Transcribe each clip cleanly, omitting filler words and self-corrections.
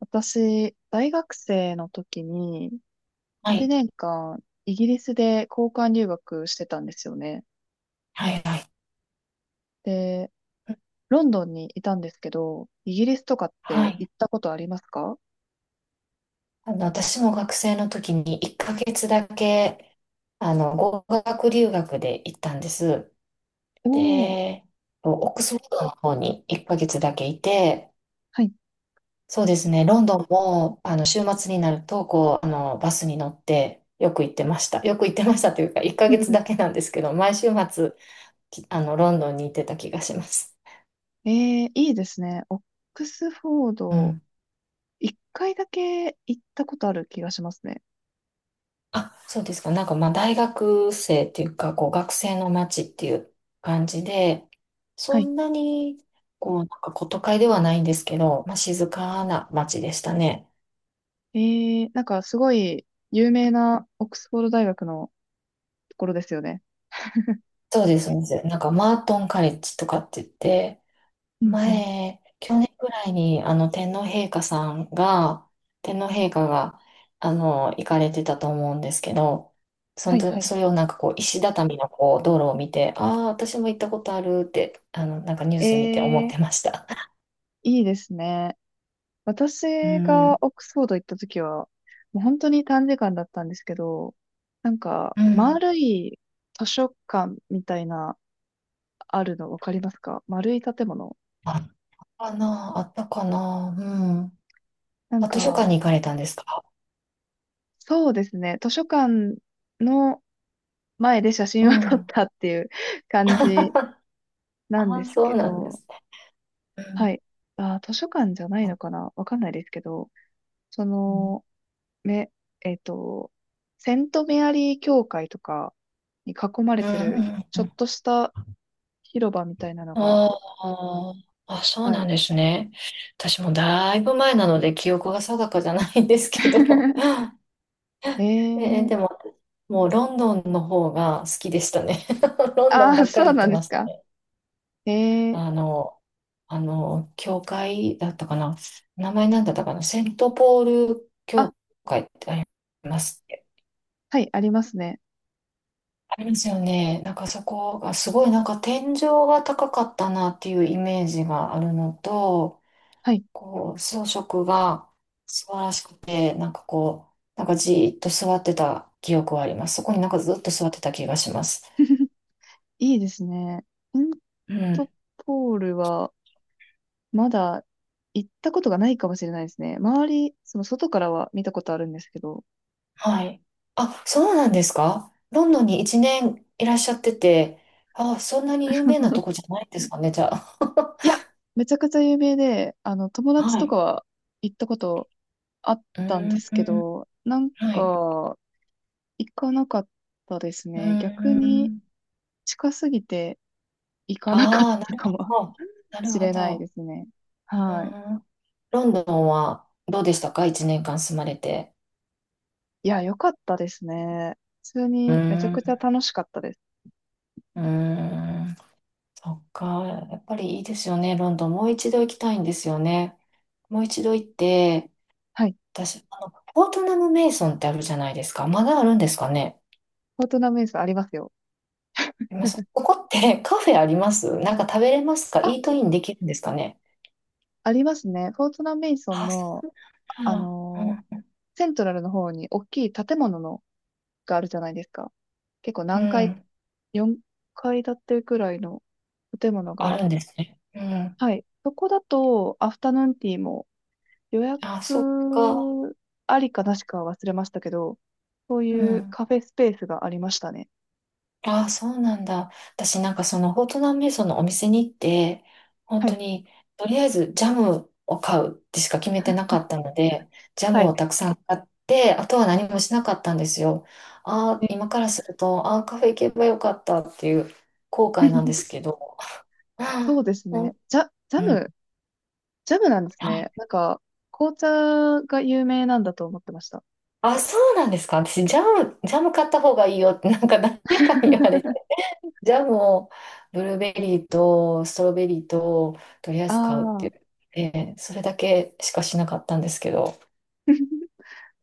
私、大学生の時に、は1い。年間、イギリスで交換留学してたんですよね。はい、はい。で、ロンドンにいたんですけど、イギリスとかっはてい。行ったことありますか？私も学生の時に1ヶ月だけ、語学留学で行ったんです。おー、で、オックスフォードの方に1ヶ月だけいて、はい。そうですね、ロンドンも、週末になると、こう、バスに乗って、よく行ってました。よく行ってましたというか、1ヶ月だけな んですけど、毎週末、きあの、ロンドンに行ってた気がします。えいいですね。オックスフォーうド、ん。一回だけ行ったことある気がしますね。あ、そうですか。なんかまあ大学生っていうか、こう学生の街っていう感じで、はそい。んなに、こう、なんかこう都会ではないんですけど、まあ静かな街でしたね。えなんかすごい有名なオックスフォード大学のところですよね。そうです、そうです。なんかマートンカレッジとかって言って、うんうん。前、去年くらいに、天皇陛下が、行かれてたと思うんですけど、そはのいと、はい。それをなんかこう、石畳のこう、道路を見て、ああ、私も行ったことあるって、なんかニュース見て思えってー、ました。いいですね。う私ん。がオックスフォード行った時は、もう本当に短時間だったんですけど、なんか、うん。丸い図書館みたいな、あるのわかりますか？丸い建物。あったかな、あったかな。うん。なんあ、図書館か、に行かれたんですか？そうですね、図書館の前で写う真を撮っん。たっていう 感じなんあであ、すそけうなんでど、すね。うはん。い。あー、図書館じゃないのうかなわかんないですけど、その、んめ、えっと、セントメアリー教会とかに囲まうれんてる、うちょっん。とした広場みたいなのが、ああ、あ、そうはない。んですね。私もだいぶ前なので記憶が定かじゃないんですけど、え えーー、でも、もうロンドンの方が好きでしたね。ロンドンあばあ、っかそりう行っなてんでますしたか。ね。えー、あの、教会だったかな。名前なんだったかな。セントポールあ、教会ってありますっけ。はい、ありますね。ありますよね。なんかそこがすごいなんか天井が高かったなっていうイメージがあるのと、はい。こう、装飾が素晴らしくて、なんかこう、なんかじーっと座ってた記憶はあります。そこになんかずっと座ってた気がします。いいですね。センうん。トポールは、まだ行ったことがないかもしれないですね。周り、その外からは見たことあるんですけど。はい。あ、そうなんですか？ロンドンに一年いらっしゃってて、あ、そんなに有名なとこ じゃないんですかね、じゃあ。い や、めちゃくちゃ有名で、友達はとい。かは行ったことあっうーたんですけん。ど、なんはい。か、行かなかったですうーね。逆にん。近すぎて行かなかっああ、なたるかも ほど。なるしほれないど。ですね。うはい。ーん。ロンドンはどうでしたか？一年間住まれて。いや、良かったですね。普通うーにめちゃくちゃん。楽しかったです。うーん。そっか、やっぱりいいですよね、ロンドン。もう一度行きたいんですよね。もう一度行って、はい。私、ポートナム・メイソンってあるじゃないですか。まだあるんですかね。フォートナメイソンありますよ。あります。ここって カフェあります？なんか食べれますか？あ、イートインできるんですかね。ありますね。フォートナメイソンあ、その、うあなん。のーセントラルの方に大きい建物のがあるじゃないですか。結構うん。何う階、ん。4階建てくらいの建物あがあっ。るんですね。うん。はい。そこだと、アフタヌーンティーも予あ、そっか。約ありかなしか忘れましたけど、そうういうん。カフェスペースがありましたね。ああ、そうなんだ。私なんかそのフォートナンメイソンのお店に行って、本は当い。にとりあえずジャムを買うってしか決めてなかったので、ジャはムい。をたくさん買って、あとは何もしなかったんですよ。ああ、ね。 今からすると、ああ、カフェ行けばよかったっていう後悔なんで すけど。そあうあ、ですうん、ね。うん。ジャムなんですはね。い。なんか、紅茶が有名なんだと思ってました。あ、そうなんですか。私、ジャム買った方がいいよって、なんか誰かに言われてジャムをブルーベリーとストロベリーととりあえあず買うってあ。言って、それだけしかしなかったんですけど、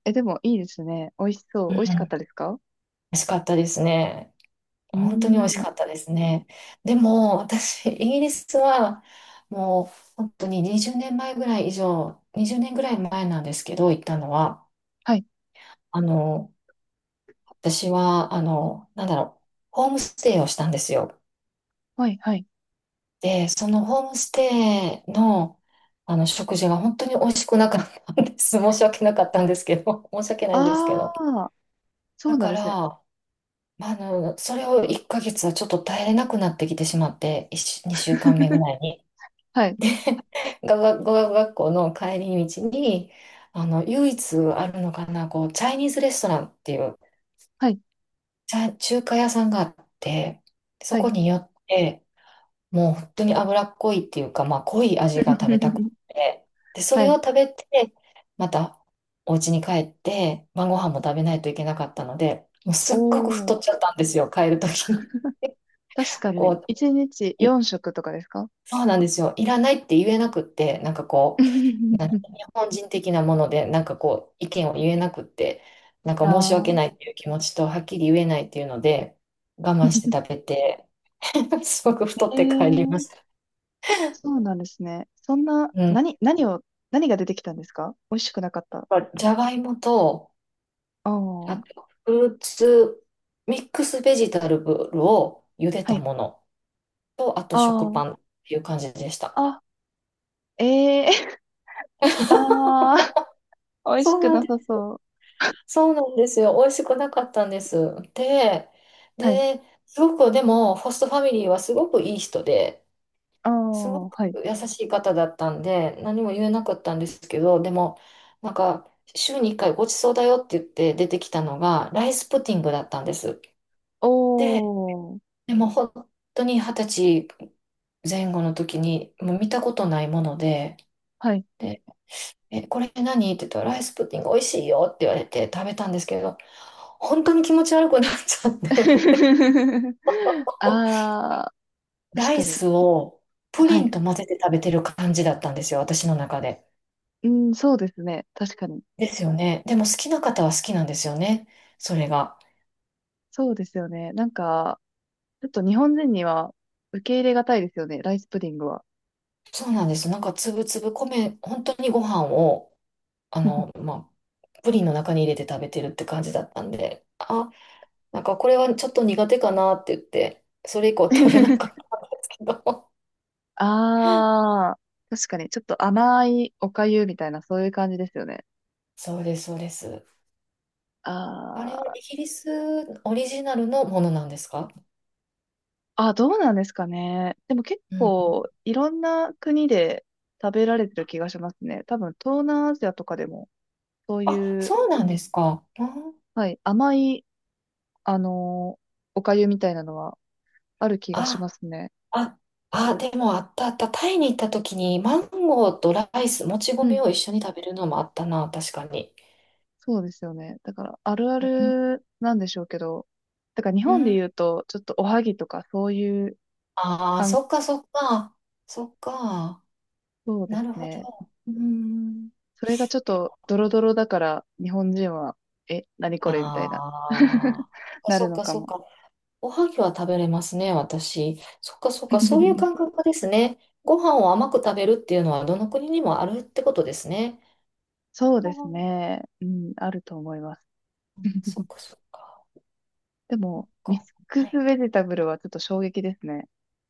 え、でもいいですね。美味しそうう。ん、美味しかっ美たですか？味しかったですね。う本当に美ー味しん。かったですね。でも私、イギリスはもう本当に20年前ぐらい以上、20年ぐらい前なんですけど、行ったのは、はい。あの、私は、なんだろう、ホームステイをしたんですよ。はい。はい。で、そのホームステイの、食事が本当に美味しくなかったんです。申し訳なかったんですけど、申し訳ないんですけあど。あ。そだうなんかでら、すね。まあ、それを1ヶ月はちょっと耐えれなくなってきてしまって、2週間目ぐ らいに。はい。語学学校の帰り道に、唯一あるのかな、こう、チャイニーズレストランっていう、はい。中華屋さんがあって、そはこい。に寄って、もう本当に脂っこいっていうか、まあ、濃い味が食べたく て、で、そはれをい。食べて、またお家に帰って、晩ご飯も食べないといけなかったので、もうすおっごく太っお、ちゃったんですよ、帰るときに。確 かに、こ1日う、い4食とかですか？ そうなんですよ、いらないって言えなくって、なんかこう、なん日 本人的なもので、なんかこう、意見を言えなくって、なんかあ申し訳ないっあ。 ていう気持ちと、はっきり言えないっていうので、我慢して食 べて、すごく太って帰りました。ええ、そうなんですね。そんな、うん。何が出てきたんですか？美味しくなかった。じゃがいもと、ああ、あはと、フルーツ、ミックスベジタルブルを茹でたい。ものと、あと食あパンあ、っていう感じでした。あ、ええ。 確か。 ああ、美味しそうくなんなでさす。そう。そうなんですよ。美味しくなかったんです。で、はい。で、すごく、でも、ホストファミリーはすごくいい人で、あすごあ、くはい。優しい方だったんで、何も言えなかったんですけど、でも、なんか、週に1回ごちそうだよって言って出てきたのが、ライスプディングだったんです。おで、お、でも本当に20歳前後の時に、もう見たことないもので、はい。で、え、これ何って言ったら、ライスプッディング美味しいよって言われて食べたんですけど、本当に気持ち悪くなっちゃって、ああ、確ライかに。スをプリはンい。と混ぜて食べてる感じだったんですよ、私の中で。うん、そうですね。確かに。ですよね。でも好きな方は好きなんですよね、それが。そうですよね。なんか、ちょっと日本人には受け入れがたいですよね、ライスプディングは。そうなんです。なんかつぶつぶ米、本当にご飯を、まあ、プリンの中に入れて食べてるって感じだったんで、あなんかこれはちょっと苦手かなって言って、それ以降食べなかっ たけど。ああ、確かに、ちょっと甘いおかゆみたいな、そういう感じですよね。そうです、そうです。ああれはーイギリスオリジナルのものなんですか？あ、どうなんですかね。でも結うん。構、いろんな国で食べられてる気がしますね。多分、東南アジアとかでも、そうあ、いう、そうなんですか。うん。はい、甘い、あのーおかゆみたいなのはある気がしあ、ますね。あ、あ、でもあったあった。タイに行った時にマンゴーとライス、もちう米ん。を一緒に食べるのもあったな、確かに。そうですよね。だから、あるあうん。るなんでしょうけど、だから日う本でん。言うと、ちょっとおはぎとかそういうああ、感、そっかそっか。そっか。そうでなするほど。ね。うん。それがちょっとドロドロだから、日本人は、え、何これみたいな、ああ。なそるっのかかそっも。か。おはぎは食べれますね、私。そっかそっか、そういう感 覚ですね。ご飯を甘く食べるっていうのはどの国にもあるってことですね。そうあですー、ね。うん、あると思います。そっ かそっか。でそっも、ミッか。クスはい。ベジタブルはちょっと衝撃ですね。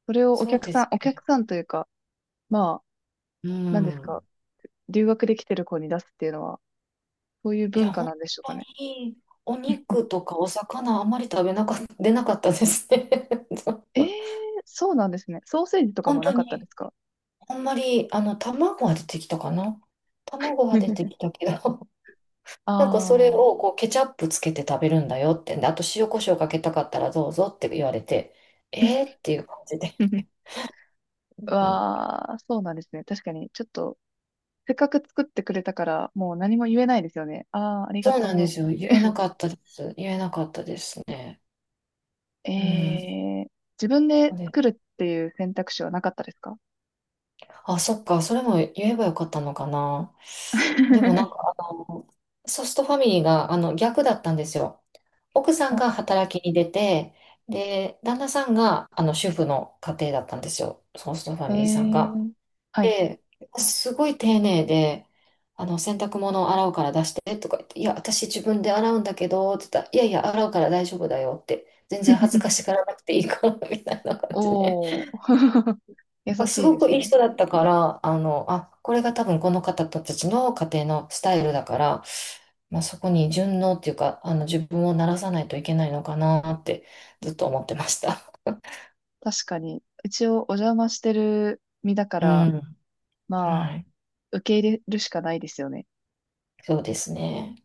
それをおそう客でさん、す。お客さんというか、まあ、う何ですか、ん。留学できてる子に出すっていうのは、そういうい文や、化本なんでしょう当かね。にお肉とかお魚あんまり食べなかっ出なかったですね。ちょっえー、とそうなんですね。ソーセージとか本も当なかったでに、すか？ あんまり、卵は出てきたかな。卵は出てき たけど、あなんかそれあー。をこうケチャップつけて食べるんだよってんで、あと塩コショウかけたかったらどうぞって言われて、えーっていう感じで。うん。わあ、そうなんですね。確かに、ちょっと、せっかく作ってくれたから、もう何も言えないですよね。ああ、ありがそうとなんうでっすよ。言えなて。かったです。言えなかったですね。うん。えー、自分そでうで、作るっていう選択肢はなかったですか？ あ、そっか。それも言えばよかったのかな。でもなんか ソストファミリーが逆だったんですよ。奥さんあが働きに出て、で、旦那さんが主婦の家庭だったんですよ。ソーストファえミリーさんが。ー、はい。で、すごい丁寧で、洗濯物を洗うから出してとか言って、いや、私自分で洗うんだけど、って言ったら、いやいや、洗うから大丈夫だよって、全然恥ずかしがらなくていいから、みたいな感じで。おー。優すしいごでくすいいね。人だったから、あ、これが多分この方たちの家庭のスタイルだから、まあ、そこに順応っていうか、自分を慣らさないといけないのかなってずっと思ってました。確かに、一応お邪魔してる身だかうら、ん。まあ、はい。受け入れるしかないですよね。そうですね。